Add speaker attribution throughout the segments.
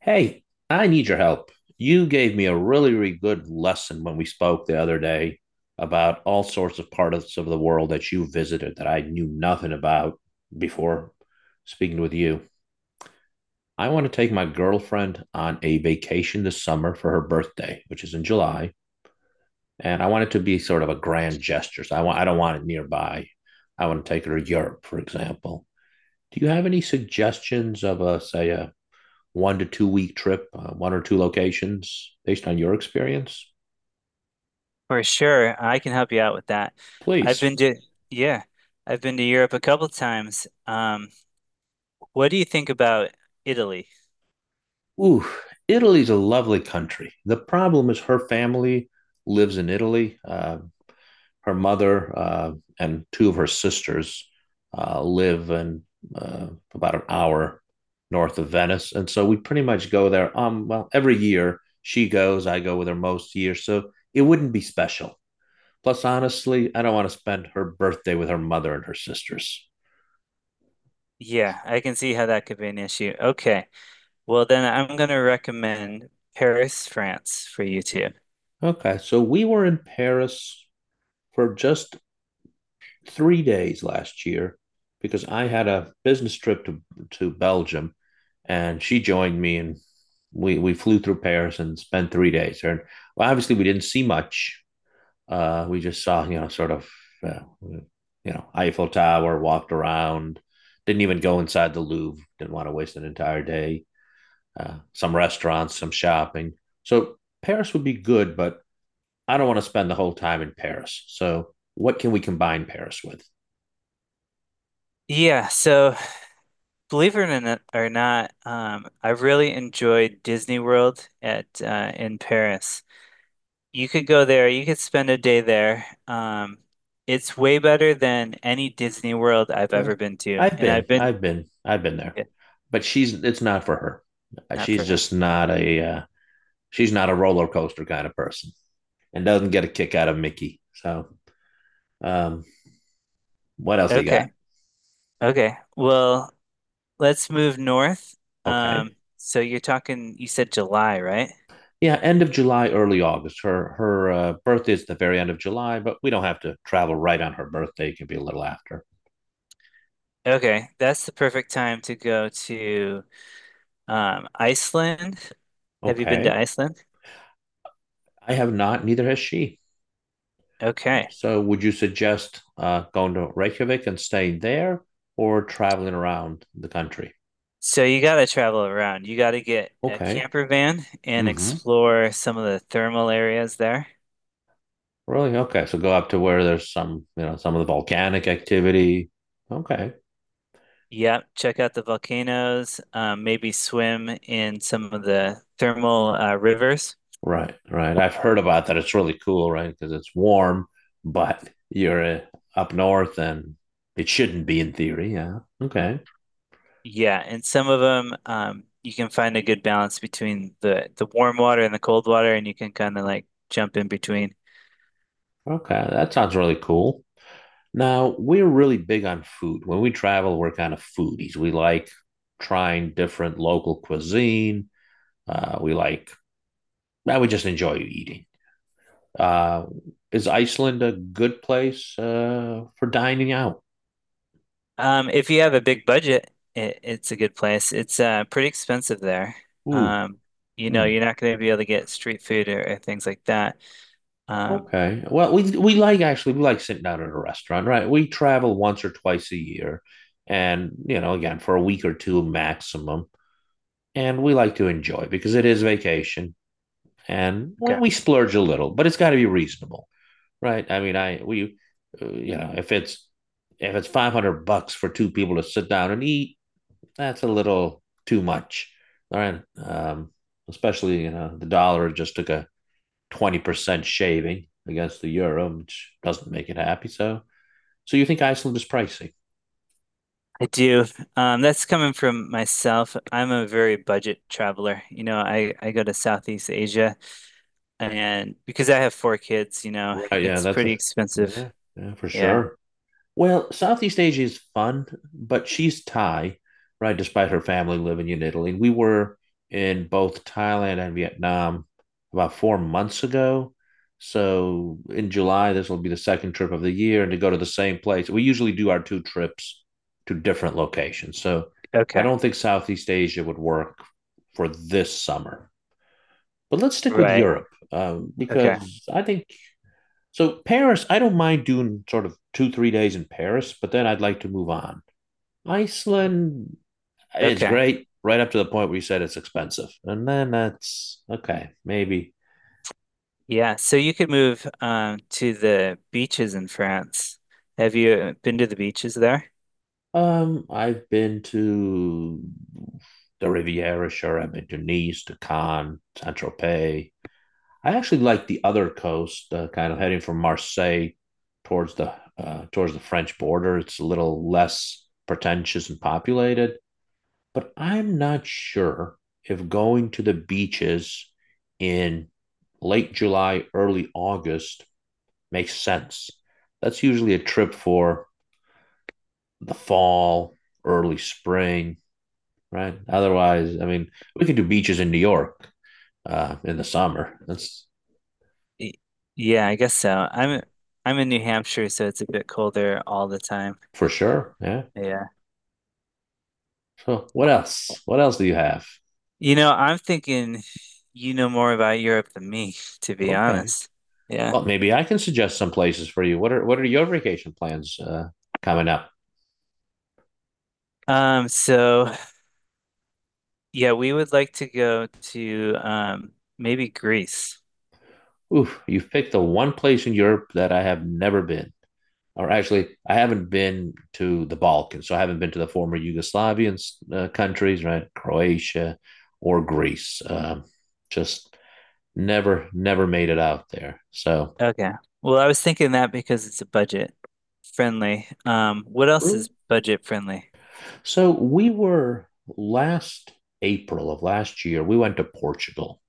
Speaker 1: Hey, I need your help. You gave me a really, really good lesson when we spoke the other day about all sorts of parts of the world that you visited that I knew nothing about before speaking with you. I want to take my girlfriend on a vacation this summer for her birthday, which is in July, and I want it to be sort of a grand gesture. I don't want it nearby. I want to take her to Europe, for example. Do you have any suggestions of a say a 1 to 2 week trip, one or two locations based on your experience,
Speaker 2: For sure, I can help you out with that. I've
Speaker 1: please.
Speaker 2: been to, yeah, I've been to Europe a couple times. What do you think about Italy?
Speaker 1: Ooh, Italy's a lovely country. The problem is her family lives in Italy. Her mother and two of her sisters live in uh, about an hour north of Venice. And so we pretty much go there. Well, every year she goes, I go with her most years. So it wouldn't be special. Plus, honestly, I don't want to spend her birthday with her mother and her sisters.
Speaker 2: Yeah, I can see how that could be an issue. Okay. Well, then I'm going to recommend Paris, France for you too.
Speaker 1: Okay, so we were in Paris for just 3 days last year because I had a business trip to Belgium, and she joined me, and we flew through Paris and spent 3 days there. And well, obviously, we didn't see much. We just saw, sort of, uh, you Eiffel Tower, walked around, didn't even go inside the Louvre. Didn't want to waste an entire day. Some restaurants, some shopping. So Paris would be good, but I don't want to spend the whole time in Paris. So what can we combine Paris with?
Speaker 2: Yeah, so believe it or not, I really enjoyed Disney World at in Paris. You could go there. You could spend a day there. It's way better than any Disney World I've
Speaker 1: Yeah.
Speaker 2: ever been to, and I've been,
Speaker 1: I've been there,
Speaker 2: yeah,
Speaker 1: but she's it's not for her. Uh,
Speaker 2: not
Speaker 1: She's
Speaker 2: for her.
Speaker 1: just not a uh, she's not a roller coaster kind of person and doesn't get a kick out of Mickey. So um, what else do you got?
Speaker 2: Okay, okay. Well, let's move north.
Speaker 1: Okay.
Speaker 2: So you're talking. You said July, right?
Speaker 1: Yeah, end of July, early August. Her birthday is the very end of July, but we don't have to travel right on her birthday. It can be a little after.
Speaker 2: Okay, that's the perfect time to go to Iceland. Have you been to
Speaker 1: Okay.
Speaker 2: Iceland?
Speaker 1: I have not. Neither has she.
Speaker 2: Okay.
Speaker 1: So, would you suggest going to Reykjavik and staying there or traveling around the country?
Speaker 2: So you got to travel around. You got to get a
Speaker 1: Okay.
Speaker 2: camper van and
Speaker 1: Mm-hmm.
Speaker 2: explore some of the thermal areas there.
Speaker 1: Really? Okay. So, go up to where there's some, you know, some of the volcanic activity. Okay.
Speaker 2: Yeah, check out the volcanoes, maybe swim in some of the thermal rivers.
Speaker 1: Right. Right. I've heard about that. It's really cool, right? Because it's warm, but you're up north and it shouldn't be in theory. Yeah. Okay.
Speaker 2: Yeah, and some of them you can find a good balance between the warm water and the cold water, and you can kind of like jump in between.
Speaker 1: Okay. That sounds really cool. Now, we're really big on food. When we travel, we're kind of foodies. We like trying different local cuisine. Uh, we like, now we just enjoy eating. Uh, is Iceland a good place for dining out?
Speaker 2: If you have a big budget, it's a good place. It's pretty expensive there.
Speaker 1: Ooh,
Speaker 2: Um, you know,
Speaker 1: hmm.
Speaker 2: you're not going to be able to get street food or things like that. Um,
Speaker 1: Okay. Well, we like sitting down at a restaurant, right? We travel once or twice a year, and you know, again for a week or two maximum, and we like to enjoy because it is vacation, and we,
Speaker 2: Okay.
Speaker 1: we splurge a little, but it's got to be reasonable. Right. I mean, you know, if it's $500 for two people to sit down and eat, that's a little too much. All right. Especially you know the dollar just took a 20% shaving against the euro, which doesn't make it happy. So you think Iceland is pricey?
Speaker 2: I do. That's coming from myself. I'm a very budget traveler. You know, I go to Southeast Asia, and because I have four kids, you know,
Speaker 1: Right. Yeah.
Speaker 2: it's
Speaker 1: That's a,
Speaker 2: pretty expensive.
Speaker 1: yeah. Yeah. For
Speaker 2: Yeah.
Speaker 1: sure. Well, Southeast Asia is fun, but she's Thai, right? Despite her family living in Italy. And we were in both Thailand and Vietnam about 4 months ago. So in July, this will be the second trip of the year. And to go to the same place, we usually do our two trips to different locations. So I
Speaker 2: Okay.
Speaker 1: don't think Southeast Asia would work for this summer. But let's stick with
Speaker 2: Right.
Speaker 1: Europe um,
Speaker 2: Okay.
Speaker 1: because I think so Paris, I don't mind doing sort of two, 3 days in Paris, but then I'd like to move on. Iceland, it's
Speaker 2: Okay.
Speaker 1: great right up to the point where you said it's expensive. And then that's okay, maybe.
Speaker 2: Yeah, so you could move to the beaches in France. Have you been to the beaches there?
Speaker 1: I've been to the Riviera, sure. I've been to Nice, to Cannes, Saint Tropez. I actually like the other coast, kind of heading from Marseille towards the French border. It's a little less pretentious and populated. But I'm not sure if going to the beaches in late July, early August makes sense. That's usually a trip for the fall, early spring, right? Otherwise, I mean, we could do beaches in New York in the summer. That's
Speaker 2: Y- Yeah, I guess so. I'm in New Hampshire, so it's a bit colder all the time.
Speaker 1: for sure. Yeah.
Speaker 2: Yeah.
Speaker 1: So, what else? What else do you have?
Speaker 2: You know, I'm thinking you know more about Europe than me, to be
Speaker 1: Okay.
Speaker 2: honest. Yeah.
Speaker 1: Well, maybe I can suggest some places for you. What are your vacation plans coming up?
Speaker 2: Um, so yeah, we would like to go to maybe Greece.
Speaker 1: Oof, you picked the one place in Europe that I have never been. Or actually, I haven't been to the Balkans. So I haven't been to the former Yugoslavian countries, right? Croatia or Greece. Just Never, never made it out there. So,
Speaker 2: Okay. Well, I was thinking that because it's a budget friendly. What else is budget friendly?
Speaker 1: so we were last April of last year, we went to Portugal.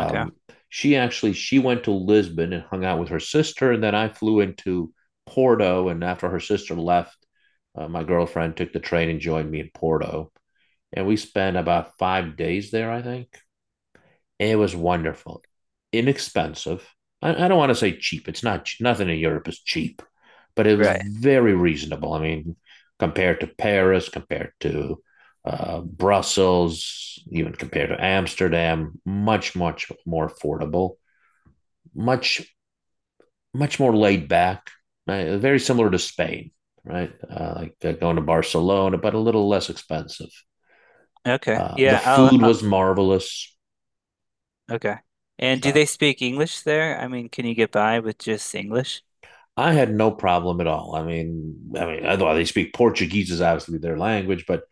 Speaker 2: Okay.
Speaker 1: she went to Lisbon and hung out with her sister, and then I flew into Porto. And after her sister left, my girlfriend took the train and joined me in Porto, and we spent about 5 days there, I think. It was wonderful, inexpensive. I don't want to say cheap. It's not Nothing in Europe is cheap, but it was
Speaker 2: Right.
Speaker 1: very reasonable. I mean, compared to Paris, compared to Brussels, even compared to Amsterdam, much much more affordable, much much more laid back. Right? Very similar to Spain, right? Going to Barcelona, but a little less expensive.
Speaker 2: Okay.
Speaker 1: The
Speaker 2: Yeah,
Speaker 1: food
Speaker 2: I'll
Speaker 1: was marvelous.
Speaker 2: okay. And do they speak English there? I mean, can you get by with just English?
Speaker 1: I had no problem at all. I know they speak Portuguese is obviously their language, but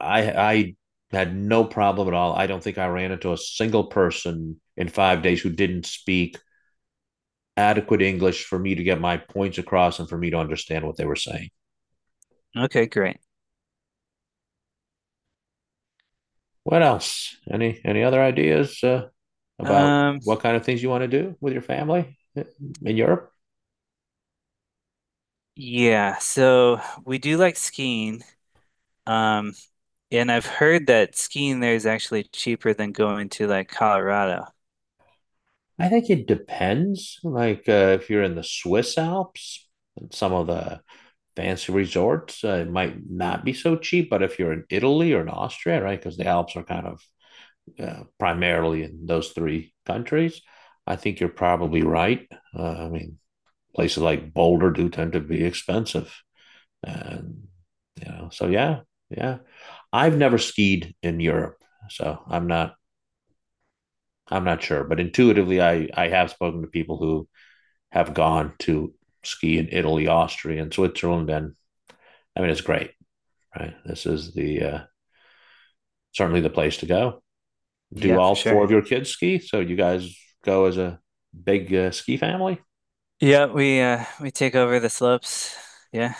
Speaker 1: I had no problem at all. I don't think I ran into a single person in 5 days who didn't speak adequate English for me to get my points across and for me to understand what they were saying.
Speaker 2: Okay, great.
Speaker 1: What else? Any other ideas about
Speaker 2: Um,
Speaker 1: what kind of things you want to do with your family in Europe?
Speaker 2: yeah, so we do like skiing. Um, and I've heard that skiing there is actually cheaper than going to like Colorado.
Speaker 1: I think it depends. If you're in the Swiss Alps, some of the fancy resorts, it might not be so cheap. But if you're in Italy or in Austria, right, because the Alps are kind of primarily in those three countries, I think you're probably right. Uh, I mean, Places like Boulder do tend to be expensive, and you know, so yeah, yeah. I've never skied in Europe, so I'm not sure, but intuitively, I have spoken to people who have gone to ski in Italy, Austria, and Switzerland, and I mean, it's great, right? This is the certainly the place to go. Do
Speaker 2: Yeah, for
Speaker 1: all
Speaker 2: sure.
Speaker 1: four of your kids ski? So you guys go as a big ski family?
Speaker 2: Yeah, we take over the slopes. Yeah.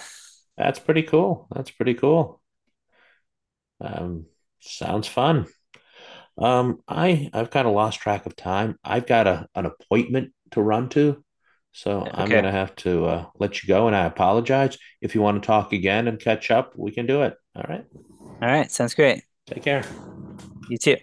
Speaker 1: That's pretty cool. That's pretty cool. Um, Sounds fun. I've kind of lost track of time. I've got a an appointment to run to, so I'm
Speaker 2: Okay.
Speaker 1: gonna have to let you go. And I apologize if you want to talk again and catch up. We can do it. All right.
Speaker 2: All right, sounds great.
Speaker 1: Take care.
Speaker 2: You too.